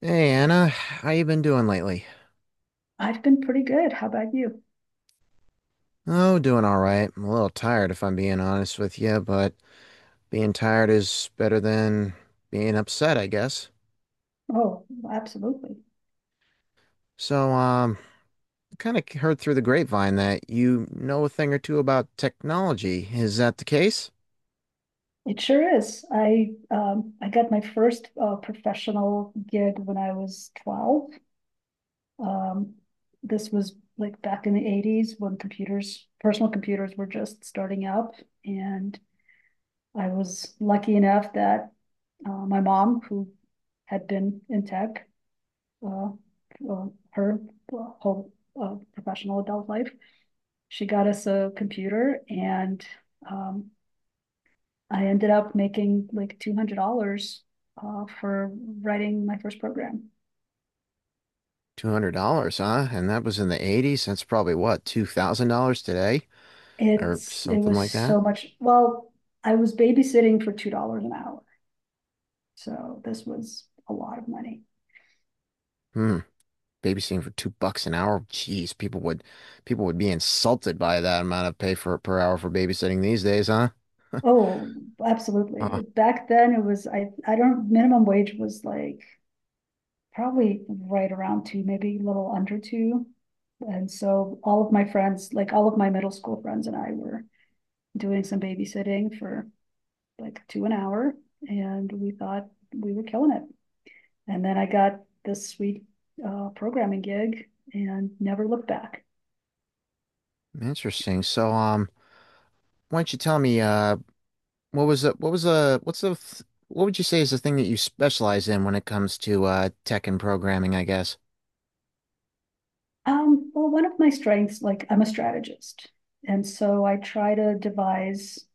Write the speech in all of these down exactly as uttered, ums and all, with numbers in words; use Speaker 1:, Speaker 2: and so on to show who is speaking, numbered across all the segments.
Speaker 1: Hey Anna, how you been doing lately?
Speaker 2: I've been pretty good. How about you?
Speaker 1: Oh, doing all right. I'm a little tired if I'm being honest with you, but being tired is better than being upset, I guess.
Speaker 2: Oh, absolutely.
Speaker 1: So, um, I kind of heard through the grapevine that you know a thing or two about technology. Is that the case?
Speaker 2: It sure is. I um, I got my first uh, professional gig when I was twelve. Um, this was like back in the eighties when computers, personal computers were just starting up. And I was lucky enough that uh, my mom, who had been in tech uh, uh, her well, whole uh, professional adult life, she got us a computer and um, I ended up making like two hundred dollars uh, for writing my first program.
Speaker 1: two hundred dollars huh? And that was in the eighties. That's probably what, two thousand dollars today or
Speaker 2: It's it
Speaker 1: something
Speaker 2: was
Speaker 1: like that?
Speaker 2: so much. Well, I was babysitting for two dollars an hour, so this was a lot of money.
Speaker 1: Hmm. Babysitting for two bucks an hour. Jeez, people would people would be insulted by that amount of pay for per hour for babysitting these days, huh?
Speaker 2: Oh,
Speaker 1: Uh,
Speaker 2: absolutely. Back then, it was I I don't minimum wage was like probably right around two, maybe a little under two. And so all of my friends, like all of my middle school friends and I were doing some babysitting for like two an hour, and we thought we were killing it. And then I got this sweet uh, programming gig and never looked back.
Speaker 1: interesting. So, um, why don't you tell me, uh, what was the, what was the, what's the, th what would you say is the thing that you specialize in when it comes to, uh, tech and programming, I guess?
Speaker 2: Um, well, one of my strengths, like I'm a strategist, and so I try to devise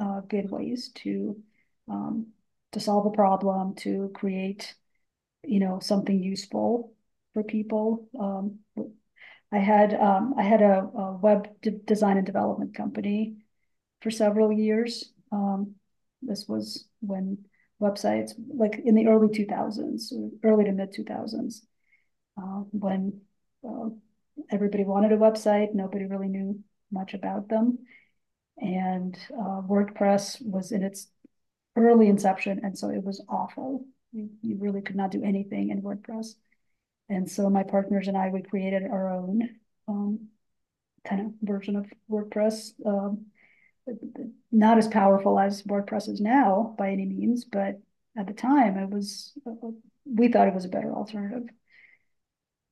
Speaker 2: uh, good ways to um, to solve a problem, to create you know something useful for people. Um, I had um, I had a, a web de- design and development company for several years. Um, this was when websites, like in the early two thousands, early to mid two thousands, uh, when uh, everybody wanted a website, nobody really knew much about them, and uh, WordPress was in its early inception, and so it was awful. You, you really could not do anything in WordPress, and so my partners and I we created our own um, kind of version of WordPress. Um, not as powerful as WordPress is now by any means, but at the time it was we thought it was a better alternative.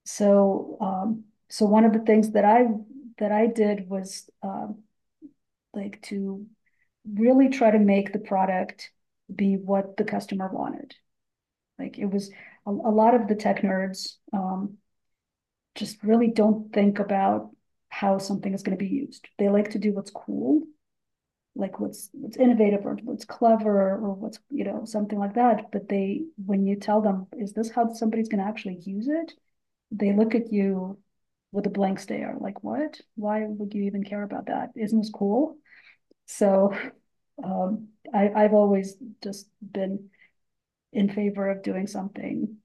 Speaker 2: So um, so one of the things that I that I did was um, like to really try to make the product be what the customer wanted. Like it was a, a lot of the tech nerds um, just really don't think about how something is going to be used. They like to do what's cool, like what's what's innovative or what's clever or what's you know something like that. But they when you tell them is this how somebody's going to actually use it, they look at you with a blank stare like, what, why would you even care about that, isn't this cool? So um, I, i've always just been in favor of doing something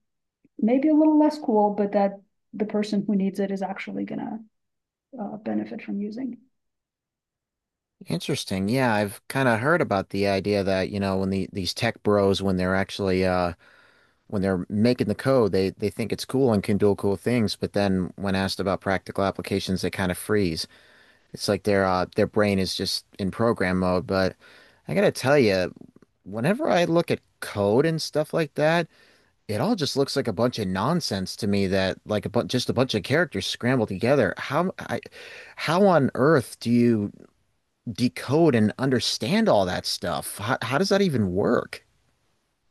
Speaker 2: maybe a little less cool but that the person who needs it is actually going to uh, benefit from using.
Speaker 1: Interesting. Yeah, I've kind of heard about the idea that, you know, when the, these tech bros, when they're actually, uh, when they're making the code, they they think it's cool and can do cool things, but then when asked about practical applications, they kind of freeze. It's like their uh, their brain is just in program mode. But I gotta tell you, whenever I look at code and stuff like that, it all just looks like a bunch of nonsense to me. That like a bu just a bunch of characters scrambled together. How I, how on earth do you decode and understand all that stuff? How, how does that even work?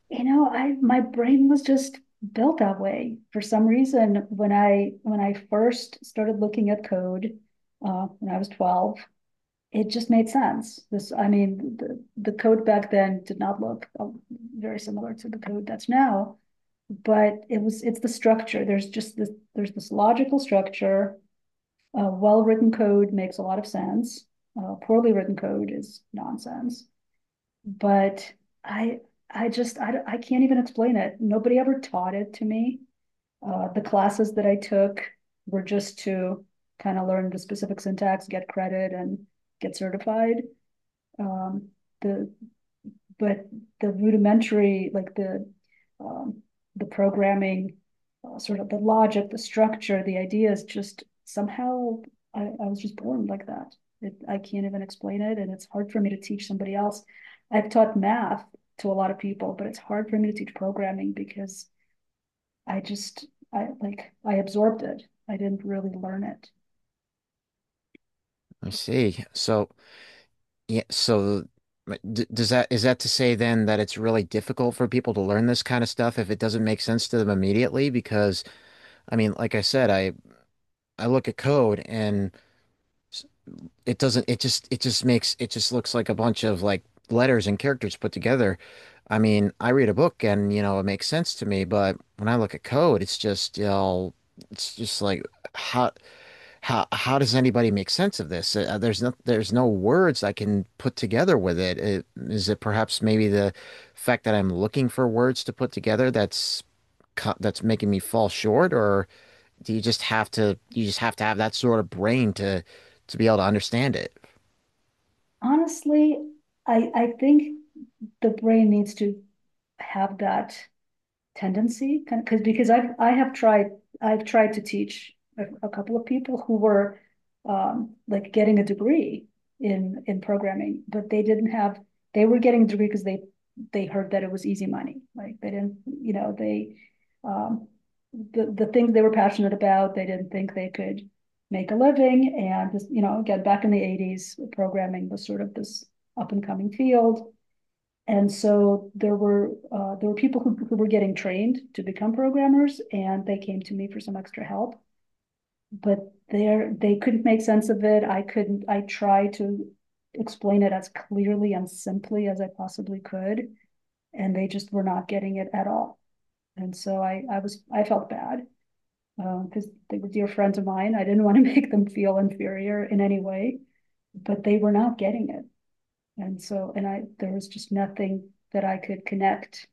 Speaker 2: You know, I my brain was just built that way for some reason. When I when I first started looking at code, uh, when I was twelve, it just made sense. This, I mean, the, the code back then did not look uh, very similar to the code that's now, but it was it's the structure. There's just this there's this logical structure. Uh, well written code makes a lot of sense. Uh, poorly written code is nonsense, but I I just I, I can't even explain it. Nobody ever taught it to me. Uh, the classes that I took were just to kind of learn the specific syntax, get credit, and get certified. Um, the but the rudimentary, like the um, the programming, uh, sort of the logic, the structure, the ideas, just somehow I, I was just born like that. It, I can't even explain it, and it's hard for me to teach somebody else. I've taught math to a lot of people, but it's hard for me to teach programming because I just I like I absorbed it. I didn't really learn it.
Speaker 1: I see. So. Yeah, so but d does that is that to say then that it's really difficult for people to learn this kind of stuff if it doesn't make sense to them immediately? Because I mean, like I said, I I look at code and s- it doesn't it just it just makes it just looks like a bunch of like letters and characters put together. I mean, I read a book and you know it makes sense to me, but when I look at code, it's just you know it's just like how how how does anybody make sense of this? Uh, there's no there's no words I can put together with it. it. Is it perhaps maybe the fact that I'm looking for words to put together that's co- that's making me fall short, or do you just have to you just have to have that sort of brain to to be able to understand it?
Speaker 2: Honestly, I I think the brain needs to have that tendency because because I've I have tried, I've tried to teach a, a couple of people who were um, like getting a degree in in programming, but they didn't have they were getting a degree because they they heard that it was easy money. Like they didn't you know they um, the the things they were passionate about, they didn't think they could make a living, and just you know again back in the eighties programming was sort of this up and coming field, and so there were, uh, there were people who, who were getting trained to become programmers, and they came to me for some extra help. But there, they couldn't make sense of it. I couldn't, I tried to explain it as clearly and simply as I possibly could. And they just were not getting it at all. And so I, I was, I felt bad because uh, they were dear friends of mine. I didn't want to make them feel inferior in any way, but they were not getting it. And so, and I, there was just nothing that I could connect,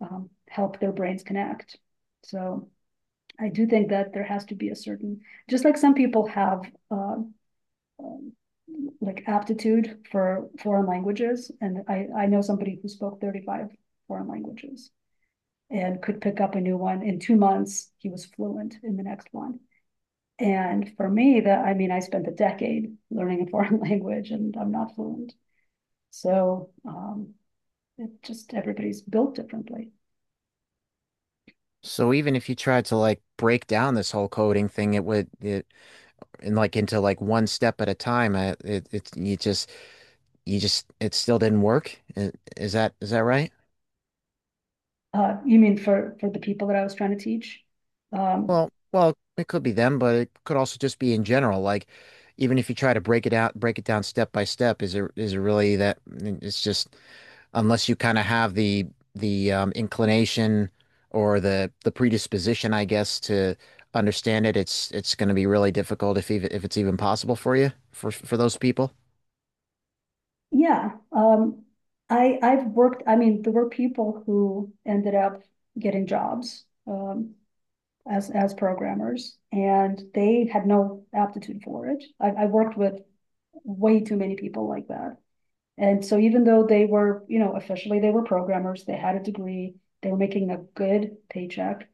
Speaker 2: um, help their brains connect. So I do think that there has to be a certain, just like some people have uh, um, like aptitude for foreign languages, and I I know somebody who spoke thirty five foreign languages and could pick up a new one in two months. He was fluent in the next one. And for me, that I mean, I spent a decade learning a foreign language, and I'm not fluent. So um, it just, everybody's built differently.
Speaker 1: So even if you tried to like break down this whole coding thing, it would it and like into like one step at a time. uh, It it you just you just it still didn't work. Is that is that right?
Speaker 2: Uh, you mean for, for the people that I was trying to teach? Um,
Speaker 1: Well, well, it could be them, but it could also just be in general. Like, even if you try to break it out, break it down step by step, is it is it really that? It's just unless you kind of have the the um, inclination or the the predisposition, I guess, to understand it. It's it's going to be really difficult if even if it's even possible for you for for those people.
Speaker 2: yeah, um, I, I've worked, I mean, there were people who ended up getting jobs, um, as, as programmers, and they had no aptitude for it. I, I worked with way too many people like that. And so even though they were, you know, officially they were programmers, they had a degree, they were making a good paycheck,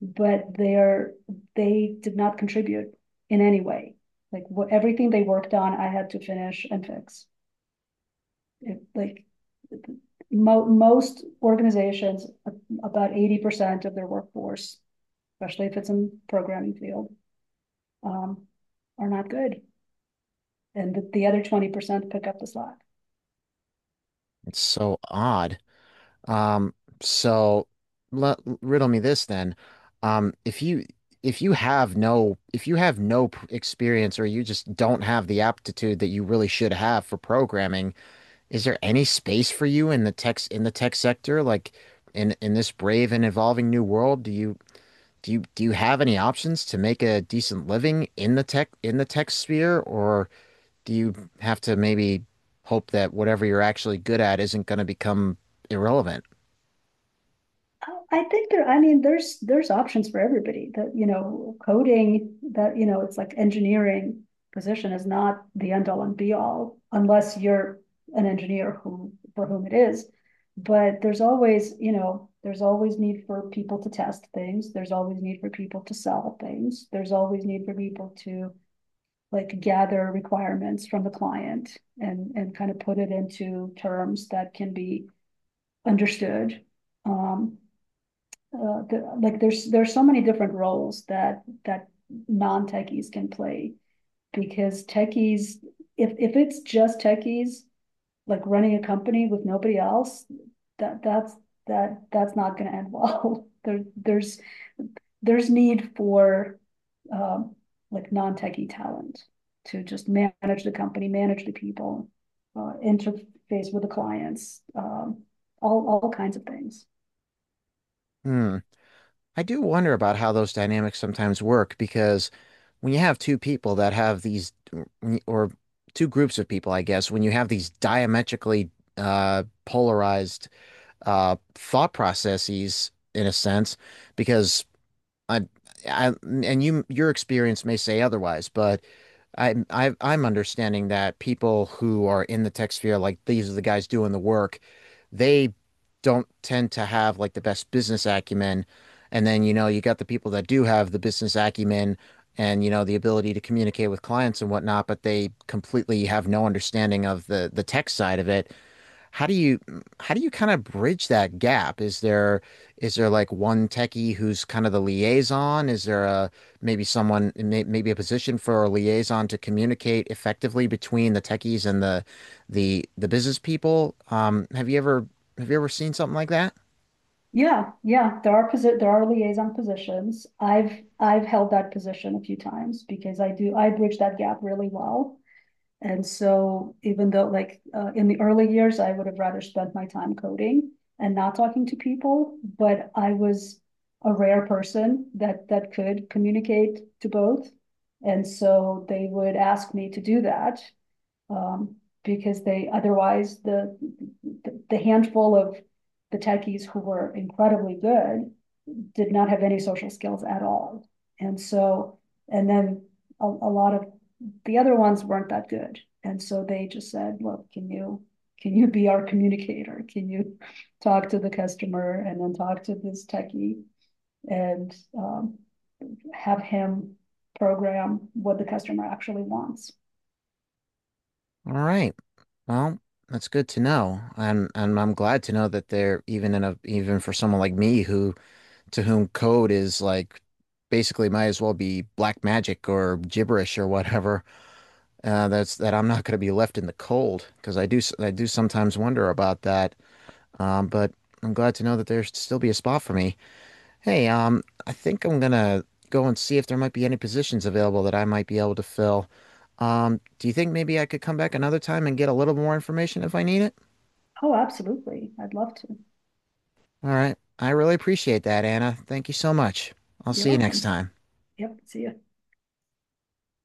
Speaker 2: but they're they did not contribute in any way. Like what everything they worked on, I had to finish and fix. It, like mo- Most organizations, about eighty percent of their workforce, especially if it's in programming field, um, are not good, and the, the other twenty percent pick up the slack.
Speaker 1: It's so odd. Um, so let, riddle me this then. Um, if you if you have no if you have no p- experience or you just don't have the aptitude that you really should have for programming, is there any space for you in the tech in the tech sector? Like in in this brave and evolving new world, do you do you do you have any options to make a decent living in the tech in the tech sphere, or do you have to maybe hope that whatever you're actually good at isn't going to become irrelevant?
Speaker 2: I think there, I mean, there's there's options for everybody. That you know, coding that you know, It's like engineering position is not the end all and be all, unless you're an engineer who for whom it is. But there's always, you know, there's always need for people to test things. There's always need for people to sell things. There's always need for people to like gather requirements from the client and and kind of put it into terms that can be understood. Um, uh, the, like there's there's so many different roles that that non techies can play, because techies, if if it's just techies like running a company with nobody else, that that's that that's not going to end well. there there's there's need for um, like non techie talent to just manage the company, manage the people, uh, interface with the clients, um, all all kinds of things.
Speaker 1: Hmm. I do wonder about how those dynamics sometimes work because when you have two people that have these, or two groups of people, I guess, when you have these diametrically uh, polarized uh, thought processes, in a sense, because I, I, and you, your experience may say otherwise, but I, I, I'm understanding that people who are in the tech sphere, like these are the guys doing the work, they don't tend to have like the best business acumen. And then, you know, you got the people that do have the business acumen and, you know, the ability to communicate with clients and whatnot, but they completely have no understanding of the the tech side of it. How do you mm, how do you kind of bridge that gap? Is there is there like one techie who's kind of the liaison? Is there a maybe someone may, maybe a position for a liaison to communicate effectively between the techies and the the the business people? Um, have you ever have you ever seen something like that?
Speaker 2: Yeah, yeah, there are posi- there are liaison positions. I've I've held that position a few times because I do I bridge that gap really well. And so even though, like, uh, in the early years I would have rather spent my time coding and not talking to people, but I was a rare person that that could communicate to both. And so they would ask me to do that, um, because they, otherwise, the, the the handful of the techies who were incredibly good did not have any social skills at all. And so, and then a, a lot of the other ones weren't that good. And so they just said, look, can you, can you be our communicator? Can you talk to the customer and then talk to this techie? And um, have him program what the customer actually wants.
Speaker 1: All right. Well, that's good to know. And and I'm glad to know that they're even in a even for someone like me who to whom code is like basically might as well be black magic or gibberish or whatever. Uh, that's that I'm not going to be left in the cold because I do I do sometimes wonder about that. Um, but I'm glad to know that there's still be a spot for me. Hey, um, I think I'm gonna go and see if there might be any positions available that I might be able to fill. Um, do you think maybe I could come back another time and get a little more information if I need it?
Speaker 2: Oh, absolutely. I'd love to.
Speaker 1: All right. I really appreciate that, Anna. Thank you so much. I'll
Speaker 2: You're
Speaker 1: see you next
Speaker 2: welcome.
Speaker 1: time.
Speaker 2: Yep. See you.